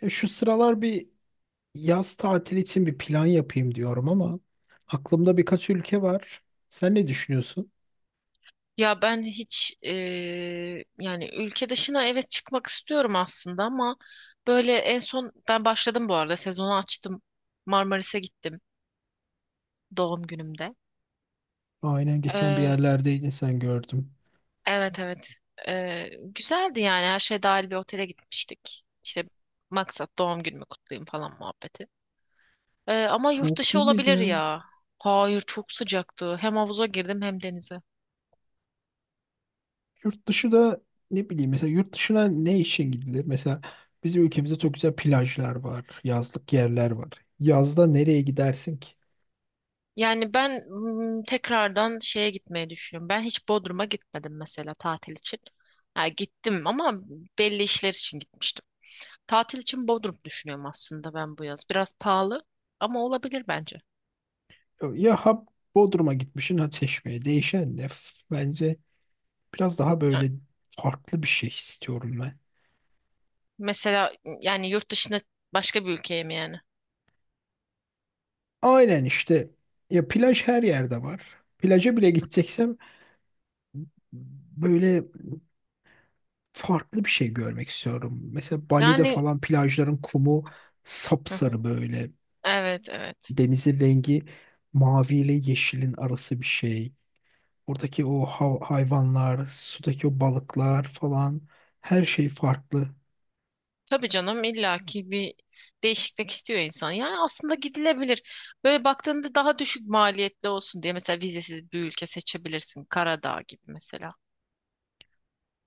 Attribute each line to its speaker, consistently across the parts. Speaker 1: Ya şu sıralar bir yaz tatili için bir plan yapayım diyorum ama aklımda birkaç ülke var. Sen ne düşünüyorsun?
Speaker 2: Ya ben hiç, yani ülke dışına, evet, çıkmak istiyorum aslında ama böyle en son ben başladım bu arada, sezonu açtım, Marmaris'e gittim doğum günümde.
Speaker 1: Aynen, geçen bir
Speaker 2: Eee,
Speaker 1: yerlerdeydin sen, gördüm.
Speaker 2: evet, evet. Güzeldi yani, her şey dahil bir otele gitmiştik. İşte maksat doğum günümü kutlayayım falan muhabbeti. Ama yurt
Speaker 1: Soğuk
Speaker 2: dışı
Speaker 1: değil miydi
Speaker 2: olabilir
Speaker 1: ya?
Speaker 2: ya. Hayır, çok sıcaktı, hem havuza girdim hem denize.
Speaker 1: Yurt dışı da ne bileyim, mesela yurt dışına ne için gidilir? Mesela bizim ülkemizde çok güzel plajlar var, yazlık yerler var. Yazda nereye gidersin ki?
Speaker 2: Yani ben tekrardan şeye gitmeyi düşünüyorum. Ben hiç Bodrum'a gitmedim mesela tatil için. Ha, gittim ama belli işler için gitmiştim. Tatil için Bodrum düşünüyorum aslında ben bu yaz. Biraz pahalı ama olabilir bence.
Speaker 1: Ya ha, Bodrum'a gitmişsin ha, Çeşme'ye değişen ne? Bence biraz daha
Speaker 2: Yani
Speaker 1: böyle farklı bir şey istiyorum.
Speaker 2: mesela, yani yurt dışına, başka bir ülkeye mi yani?
Speaker 1: Aynen işte, ya plaj her yerde var. Plaja bile gideceksem böyle farklı bir şey görmek istiyorum. Mesela Bali'de
Speaker 2: Yani,
Speaker 1: falan plajların kumu
Speaker 2: hı hı,
Speaker 1: sapsarı böyle.
Speaker 2: evet evet.
Speaker 1: Denizin rengi mavi ile yeşilin arası bir şey. Oradaki o hayvanlar, sudaki o balıklar falan, her şey farklı.
Speaker 2: Tabii canım, illaki bir değişiklik istiyor insan. Yani aslında gidilebilir. Böyle baktığında daha düşük maliyetli olsun diye mesela vizesiz bir ülke seçebilirsin. Karadağ gibi mesela.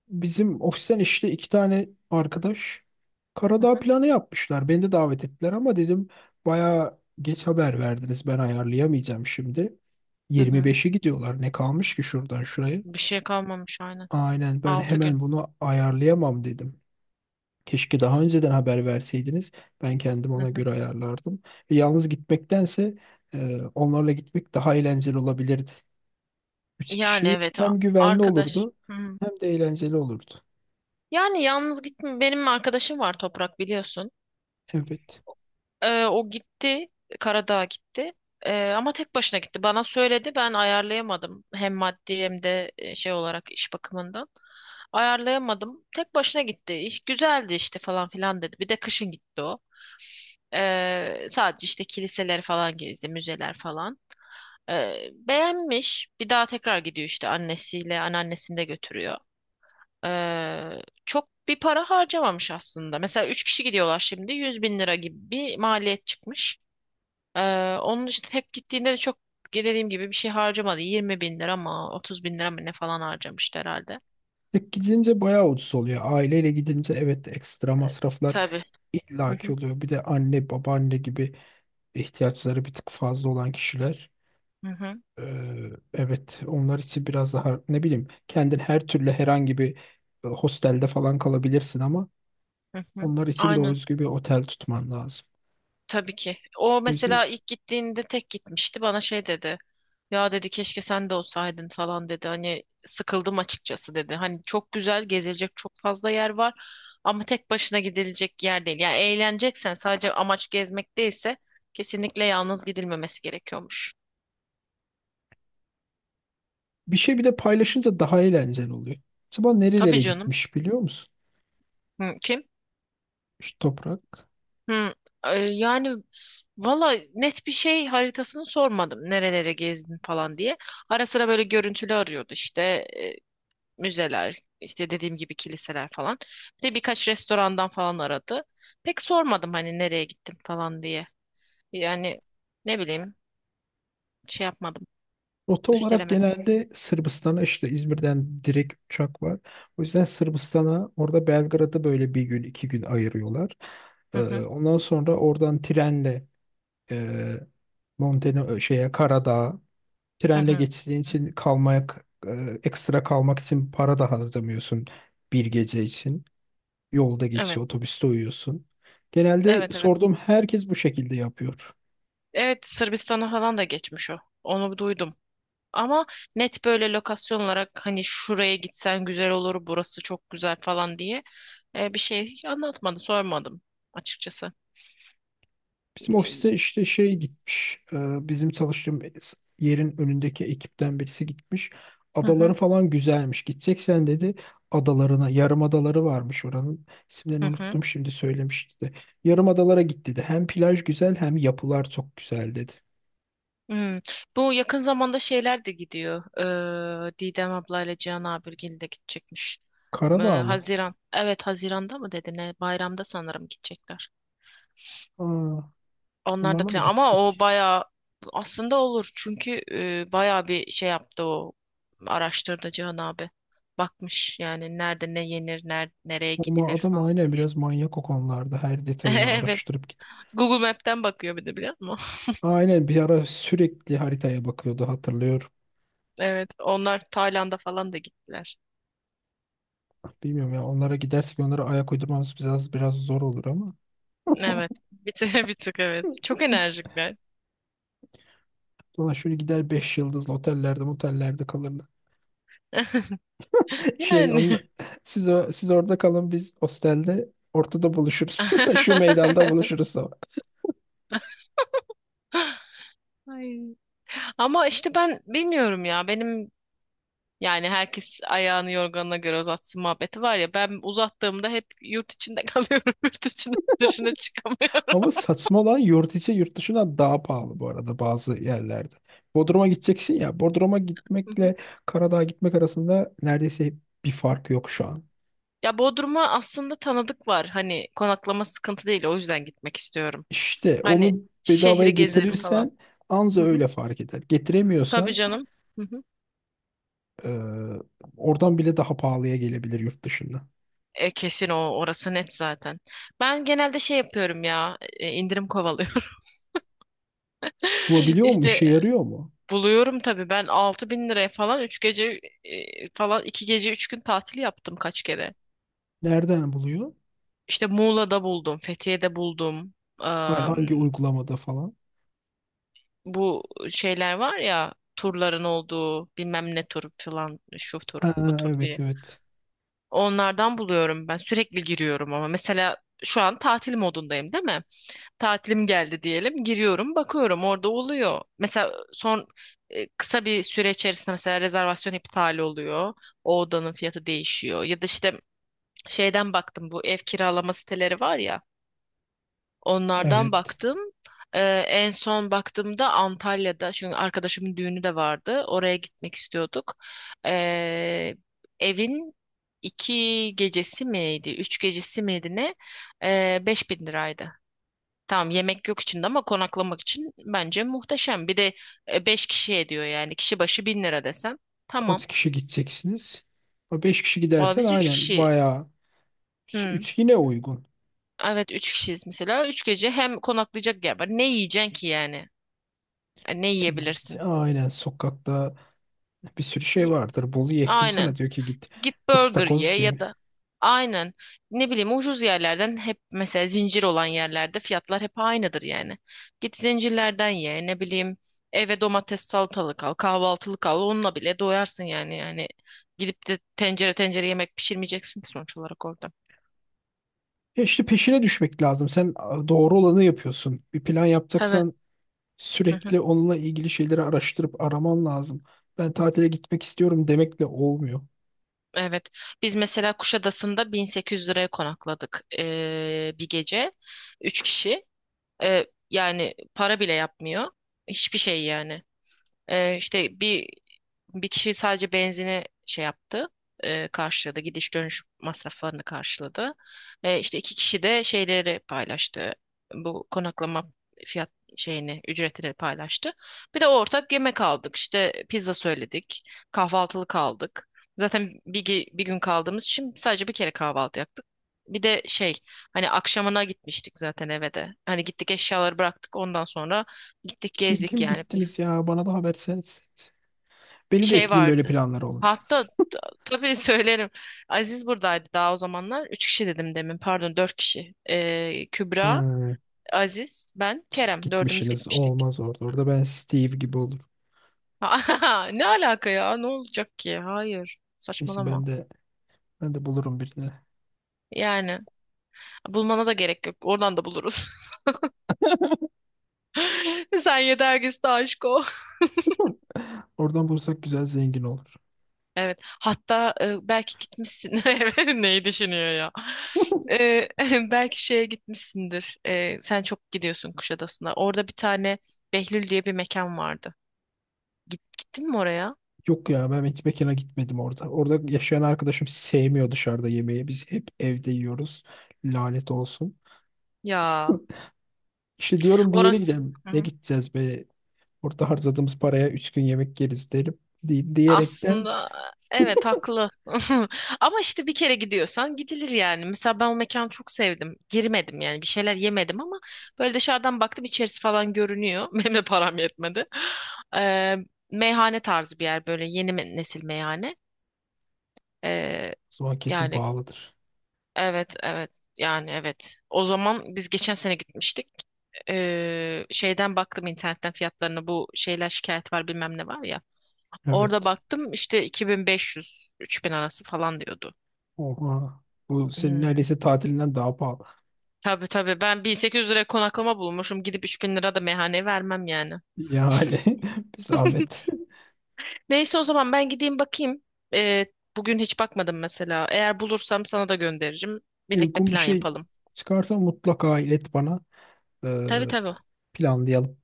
Speaker 1: Bizim ofisten işte iki tane arkadaş
Speaker 2: Hı
Speaker 1: Karadağ
Speaker 2: hı,
Speaker 1: planı yapmışlar. Beni de davet ettiler ama dedim bayağı geç haber verdiniz. Ben ayarlayamayacağım şimdi.
Speaker 2: hı hı.
Speaker 1: 25'i gidiyorlar. Ne kalmış ki şuradan şuraya?
Speaker 2: Bir şey kalmamış, aynen.
Speaker 1: Aynen, ben
Speaker 2: Altı gün.
Speaker 1: hemen bunu ayarlayamam dedim. Keşke daha önceden haber verseydiniz. Ben kendim
Speaker 2: Hı
Speaker 1: ona
Speaker 2: hı.
Speaker 1: göre ayarlardım. Ve yalnız gitmektense onlarla gitmek daha eğlenceli olabilirdi. Üç
Speaker 2: Yani
Speaker 1: kişi
Speaker 2: evet,
Speaker 1: hem güvenli
Speaker 2: arkadaş.
Speaker 1: olurdu
Speaker 2: Hı hı.
Speaker 1: hem de eğlenceli olurdu.
Speaker 2: Yani yalnız gitme. Benim arkadaşım var, Toprak, biliyorsun.
Speaker 1: Evet.
Speaker 2: O gitti. Karadağ'a gitti. Ama tek başına gitti. Bana söyledi, ben ayarlayamadım. Hem maddi hem de şey olarak iş bakımından. Ayarlayamadım. Tek başına gitti. İş güzeldi işte falan filan dedi. Bir de kışın gitti o. Sadece işte kiliseleri falan gezdi, müzeler falan. Beğenmiş. Bir daha tekrar gidiyor işte, annesiyle anneannesini de götürüyor. Çok bir para harcamamış aslında. Mesela 3 kişi gidiyorlar şimdi. Yüz bin lira gibi bir maliyet çıkmış. Onun için tek gittiğinde de çok, dediğim gibi, bir şey harcamadı. Yirmi bin lira mı, 30 bin lira mı ne falan harcamıştı herhalde.
Speaker 1: Tek gidince bayağı ucuz oluyor. Aileyle gidince evet, ekstra masraflar
Speaker 2: Tabii. Hı
Speaker 1: illaki
Speaker 2: hı,
Speaker 1: oluyor. Bir de anne babaanne gibi ihtiyaçları bir tık fazla olan kişiler.
Speaker 2: hı hı,
Speaker 1: Evet, onlar için biraz daha ne bileyim, kendin her türlü herhangi bir hostelde falan kalabilirsin ama
Speaker 2: hı hı.
Speaker 1: onlar için doğru
Speaker 2: Aynen.
Speaker 1: düzgün bir otel tutman lazım.
Speaker 2: Tabii ki. O
Speaker 1: O yüzden
Speaker 2: mesela ilk gittiğinde tek gitmişti. Bana şey dedi. Ya dedi, keşke sen de olsaydın falan dedi. Hani sıkıldım açıkçası dedi. Hani çok güzel gezilecek çok fazla yer var ama tek başına gidilecek yer değil. Yani eğleneceksen, sadece amaç gezmek değilse, kesinlikle yalnız gidilmemesi gerekiyormuş.
Speaker 1: bir şey, bir de paylaşınca daha eğlenceli oluyor. Acaba
Speaker 2: Tabii
Speaker 1: nerelere
Speaker 2: canım.
Speaker 1: gitmiş biliyor musun?
Speaker 2: Hı, kim?
Speaker 1: Şu Toprak.
Speaker 2: Hı, yani valla net bir şey, haritasını sormadım. Nerelere gezdin falan diye. Ara sıra böyle görüntülü arıyordu işte. Ee, Müzeler, işte dediğim gibi kiliseler falan. Bir de birkaç restorandan falan aradı. Pek sormadım hani nereye gittim falan diye. Yani ne bileyim, şey yapmadım,
Speaker 1: Rota olarak
Speaker 2: üstelemedim.
Speaker 1: genelde Sırbistan'a, işte İzmir'den direkt uçak var. O yüzden Sırbistan'a, orada Belgrad'a böyle bir gün 2 gün ayırıyorlar.
Speaker 2: Hı hı,
Speaker 1: Ondan sonra oradan trenle e, Monteno şeye, Karadağ'a
Speaker 2: hı
Speaker 1: trenle
Speaker 2: hı.
Speaker 1: geçtiğin için kalmaya e, ekstra kalmak için para da harcamıyorsun bir gece için. Yolda
Speaker 2: Evet,
Speaker 1: geçiyor, otobüste uyuyorsun. Genelde
Speaker 2: evet, evet.
Speaker 1: sorduğum herkes bu şekilde yapıyor.
Speaker 2: Evet, Sırbistan'a falan da geçmiş o. Onu duydum. Ama net böyle lokasyon olarak hani şuraya gitsen güzel olur, burası çok güzel falan diye bir şey anlatmadı, sormadım açıkçası.
Speaker 1: Bizim
Speaker 2: E,
Speaker 1: ofiste işte şey gitmiş. Bizim çalıştığım yerin önündeki ekipten birisi gitmiş.
Speaker 2: Hı
Speaker 1: Adaları
Speaker 2: hı,
Speaker 1: falan güzelmiş. Gidecek sen dedi adalarına. Yarım adaları varmış oranın. İsimlerini
Speaker 2: hı hı.
Speaker 1: unuttum, şimdi söylemişti de. Yarım adalara git dedi. Hem plaj güzel hem yapılar çok güzel dedi.
Speaker 2: Hmm. Bu yakın zamanda şeyler de gidiyor. Didem ablayla Cihan Abirgil de gidecekmiş.
Speaker 1: Karadağ mı?
Speaker 2: Haziran. Evet, Haziran'da mı dedi ne? Bayramda sanırım gidecekler.
Speaker 1: Aa,
Speaker 2: Onlar da
Speaker 1: onlarla mı
Speaker 2: plan ama o
Speaker 1: gitsek?
Speaker 2: bayağı, aslında olur. Çünkü bayağı bir şey yaptı o. Araştırdı Cihan abi. Bakmış yani nerede ne yenir, nereye
Speaker 1: Ama
Speaker 2: gidilir
Speaker 1: adam
Speaker 2: falan.
Speaker 1: aynen biraz manyak o konularda. Her detayını
Speaker 2: Evet.
Speaker 1: araştırıp git.
Speaker 2: Google Map'ten bakıyor bir de, biliyor musun?
Speaker 1: Aynen, bir ara sürekli haritaya bakıyordu, hatırlıyorum.
Speaker 2: Evet. Onlar Tayland'a falan da gittiler.
Speaker 1: Bilmiyorum ya, onlara gidersek onlara ayak uydurmamız biraz biraz zor olur ama.
Speaker 2: Evet. Bir tık, bir tık evet. Çok enerjikler.
Speaker 1: Ulan şöyle gider, beş yıldızlı otellerde, motellerde kalırlar. Şey,
Speaker 2: Yani.
Speaker 1: onla siz orada kalın, biz hostelde ortada buluşuruz. Şu meydanda buluşuruz sabah.
Speaker 2: Ay. Ama işte ben bilmiyorum ya. Benim, yani herkes ayağını yorganına göre uzatsın muhabbeti var ya. Ben uzattığımda hep yurt içinde kalıyorum. Yurt içinde, dışına çıkamıyorum.
Speaker 1: Ama saçma olan, yurt içi yurt dışına daha pahalı bu arada, bazı yerlerde. Bodrum'a gideceksin ya. Bodrum'a
Speaker 2: Hı hı.
Speaker 1: gitmekle Karadağ'a gitmek arasında neredeyse bir fark yok şu an.
Speaker 2: Ya Bodrum'a aslında tanıdık var. Hani konaklama sıkıntı değil. O yüzden gitmek istiyorum.
Speaker 1: İşte
Speaker 2: Hani
Speaker 1: onu bedavaya
Speaker 2: şehri gezerim falan.
Speaker 1: getirirsen anca
Speaker 2: Hı hı.
Speaker 1: öyle fark eder.
Speaker 2: Tabii
Speaker 1: Getiremiyorsan
Speaker 2: canım. Hı hı.
Speaker 1: eee, oradan bile daha pahalıya gelebilir yurt dışında.
Speaker 2: E, kesin, o orası net zaten. Ben genelde şey yapıyorum ya, indirim kovalıyorum.
Speaker 1: Bulabiliyor mu? İşe
Speaker 2: İşte
Speaker 1: yarıyor mu?
Speaker 2: buluyorum tabii, ben altı bin liraya falan 3 gece, falan 2 gece 3 gün tatil yaptım kaç kere.
Speaker 1: Nereden buluyor?
Speaker 2: İşte Muğla'da buldum, Fethiye'de buldum.
Speaker 1: Hayır, hangi uygulamada falan?
Speaker 2: Bu şeyler var ya, turların olduğu, bilmem ne tur falan, şu tur
Speaker 1: Ha,
Speaker 2: bu tur
Speaker 1: evet
Speaker 2: diye.
Speaker 1: evet.
Speaker 2: Onlardan buluyorum, ben sürekli giriyorum ama mesela şu an tatil modundayım değil mi? Tatilim geldi diyelim. Giriyorum, bakıyorum, orada oluyor. Mesela son, kısa bir süre içerisinde mesela rezervasyon iptal oluyor. O odanın fiyatı değişiyor. Ya da işte şeyden baktım, bu ev kiralama siteleri var ya. Onlardan
Speaker 1: Evet.
Speaker 2: baktım. E, En son baktığımda Antalya'da, çünkü arkadaşımın düğünü de vardı. Oraya gitmek istiyorduk. E, Evin iki gecesi miydi, üç gecesi miydi ne? Beş bin liraydı. Tamam, yemek yok içinde ama konaklamak için bence muhteşem. Bir de 5 kişi ediyor, yani kişi başı 1000 lira desen. Tamam.
Speaker 1: Kaç kişi gideceksiniz? 5 kişi
Speaker 2: Valla
Speaker 1: gidersen
Speaker 2: biz 3
Speaker 1: aynen
Speaker 2: kişi.
Speaker 1: bayağı. Üç
Speaker 2: Hı.
Speaker 1: üç yine uygun.
Speaker 2: Evet, 3 kişiyiz mesela. Üç gece hem konaklayacak yer var. Ne yiyeceksin ki yani? E, ne
Speaker 1: E git,
Speaker 2: yiyebilirsin?
Speaker 1: aynen sokakta bir sürü şey
Speaker 2: Y-
Speaker 1: vardır. Bolu ye, kim
Speaker 2: Aynen.
Speaker 1: sana diyor ki git
Speaker 2: Git burger ye
Speaker 1: ıstakoz
Speaker 2: ya
Speaker 1: ye.
Speaker 2: da, aynen, ne bileyim, ucuz yerlerden, hep mesela zincir olan yerlerde fiyatlar hep aynıdır yani. Git zincirlerden ye, ne bileyim, eve domates salatalık al, kahvaltılık al, onunla bile doyarsın yani. Yani gidip de tencere tencere yemek pişirmeyeceksin ki sonuç olarak orada.
Speaker 1: Ya işte, peşine düşmek lazım. Sen doğru olanı yapıyorsun. Bir plan
Speaker 2: Tabii.
Speaker 1: yapacaksan
Speaker 2: Hı hı.
Speaker 1: sürekli onunla ilgili şeyleri araştırıp araman lazım. Ben tatile gitmek istiyorum demekle olmuyor.
Speaker 2: Evet. Biz mesela Kuşadası'nda 1800 liraya konakladık bir gece. Üç kişi. Yani para bile yapmıyor. Hiçbir şey yani. İşte bir kişi sadece benzini şey yaptı, karşıladı, gidiş dönüş masraflarını karşıladı. İşte iki kişi de şeyleri paylaştı, bu konaklama fiyat şeyini, ücretini paylaştı. Bir de ortak yemek aldık, işte pizza söyledik, kahvaltılık aldık. Zaten bir, bir gün kaldığımız için sadece bir kere kahvaltı yaptık. Bir de şey, hani akşamına gitmiştik zaten eve de. Hani gittik, eşyaları bıraktık, ondan sonra gittik
Speaker 1: Kim
Speaker 2: gezdik
Speaker 1: kim
Speaker 2: yani,
Speaker 1: gittiniz ya? Bana da haber sen. Beni de
Speaker 2: şey
Speaker 1: ekleyin böyle
Speaker 2: vardı.
Speaker 1: planlara olunca.
Speaker 2: Hatta, tabii söylerim. Aziz buradaydı daha o zamanlar. Üç kişi dedim demin. Pardon, dört kişi. Kübra,
Speaker 1: Ha.
Speaker 2: Aziz, ben,
Speaker 1: Çift
Speaker 2: Kerem. Dördümüz
Speaker 1: gitmişsiniz,
Speaker 2: gitmiştik.
Speaker 1: olmaz orada. Orada ben Steve gibi olurum.
Speaker 2: Ne alaka ya? Ne olacak ki? Hayır.
Speaker 1: Neyse,
Speaker 2: Saçmalama.
Speaker 1: ben de bulurum birini.
Speaker 2: Yani bulmana da gerek yok. Oradan da buluruz. Sen yeter ki işte aşk ol.
Speaker 1: Oradan bulursak güzel, zengin olur.
Speaker 2: Evet. Hatta belki gitmişsin. Evet, neyi düşünüyor ya? E, belki şeye gitmişsindir. E, sen çok gidiyorsun Kuşadası'na. Orada bir tane Behlül diye bir mekan vardı. Gittin mi oraya?
Speaker 1: Yok ya, ben hiç mekana gitmedim orada. Orada yaşayan arkadaşım sevmiyor dışarıda yemeği. Biz hep evde yiyoruz. Lanet olsun.
Speaker 2: Ya.
Speaker 1: İşte diyorum bir yere
Speaker 2: Orası.
Speaker 1: gidelim. Ne gideceğiz be? Orada harcadığımız paraya 3 gün yemek yeriz derim. Diyerekten
Speaker 2: Aslında evet,
Speaker 1: o
Speaker 2: haklı. Ama işte bir kere gidiyorsan gidilir yani. Mesela ben o mekanı çok sevdim. Girmedim yani, bir şeyler yemedim ama böyle dışarıdan baktım, içerisi falan görünüyor. Benim de param yetmedi. Ee, Meyhane tarzı bir yer, böyle yeni nesil meyhane. Ee,
Speaker 1: zaman kesin
Speaker 2: Yani,
Speaker 1: pahalıdır.
Speaker 2: evet evet, yani evet. O zaman biz geçen sene gitmiştik. Şeyden baktım internetten fiyatlarına, bu şeyler şikayet var bilmem ne var ya. Orada
Speaker 1: Evet.
Speaker 2: baktım, işte 2500-3000 arası falan diyordu.
Speaker 1: Oha. Bu senin
Speaker 2: Hmm.
Speaker 1: neredeyse tatilinden daha pahalı.
Speaker 2: Tabii tabii, ben 1800 liraya konaklama bulmuşum, gidip 3000 lira da meyhaneye vermem yani.
Speaker 1: Yani bir zahmet.
Speaker 2: Neyse, o zaman ben gideyim bakayım. Ee, Bugün hiç bakmadım mesela. Eğer bulursam sana da gönderirim. Birlikte
Speaker 1: Uygun bir
Speaker 2: plan
Speaker 1: şey
Speaker 2: yapalım.
Speaker 1: çıkarsa mutlaka ilet bana. Ee,
Speaker 2: Tabii tabii,
Speaker 1: planlayalım.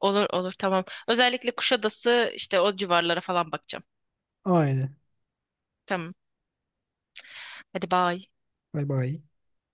Speaker 2: olur olur, tamam. Özellikle Kuşadası işte, o civarlara falan bakacağım.
Speaker 1: Aynen.
Speaker 2: Tamam, hadi bye.
Speaker 1: Bay bay.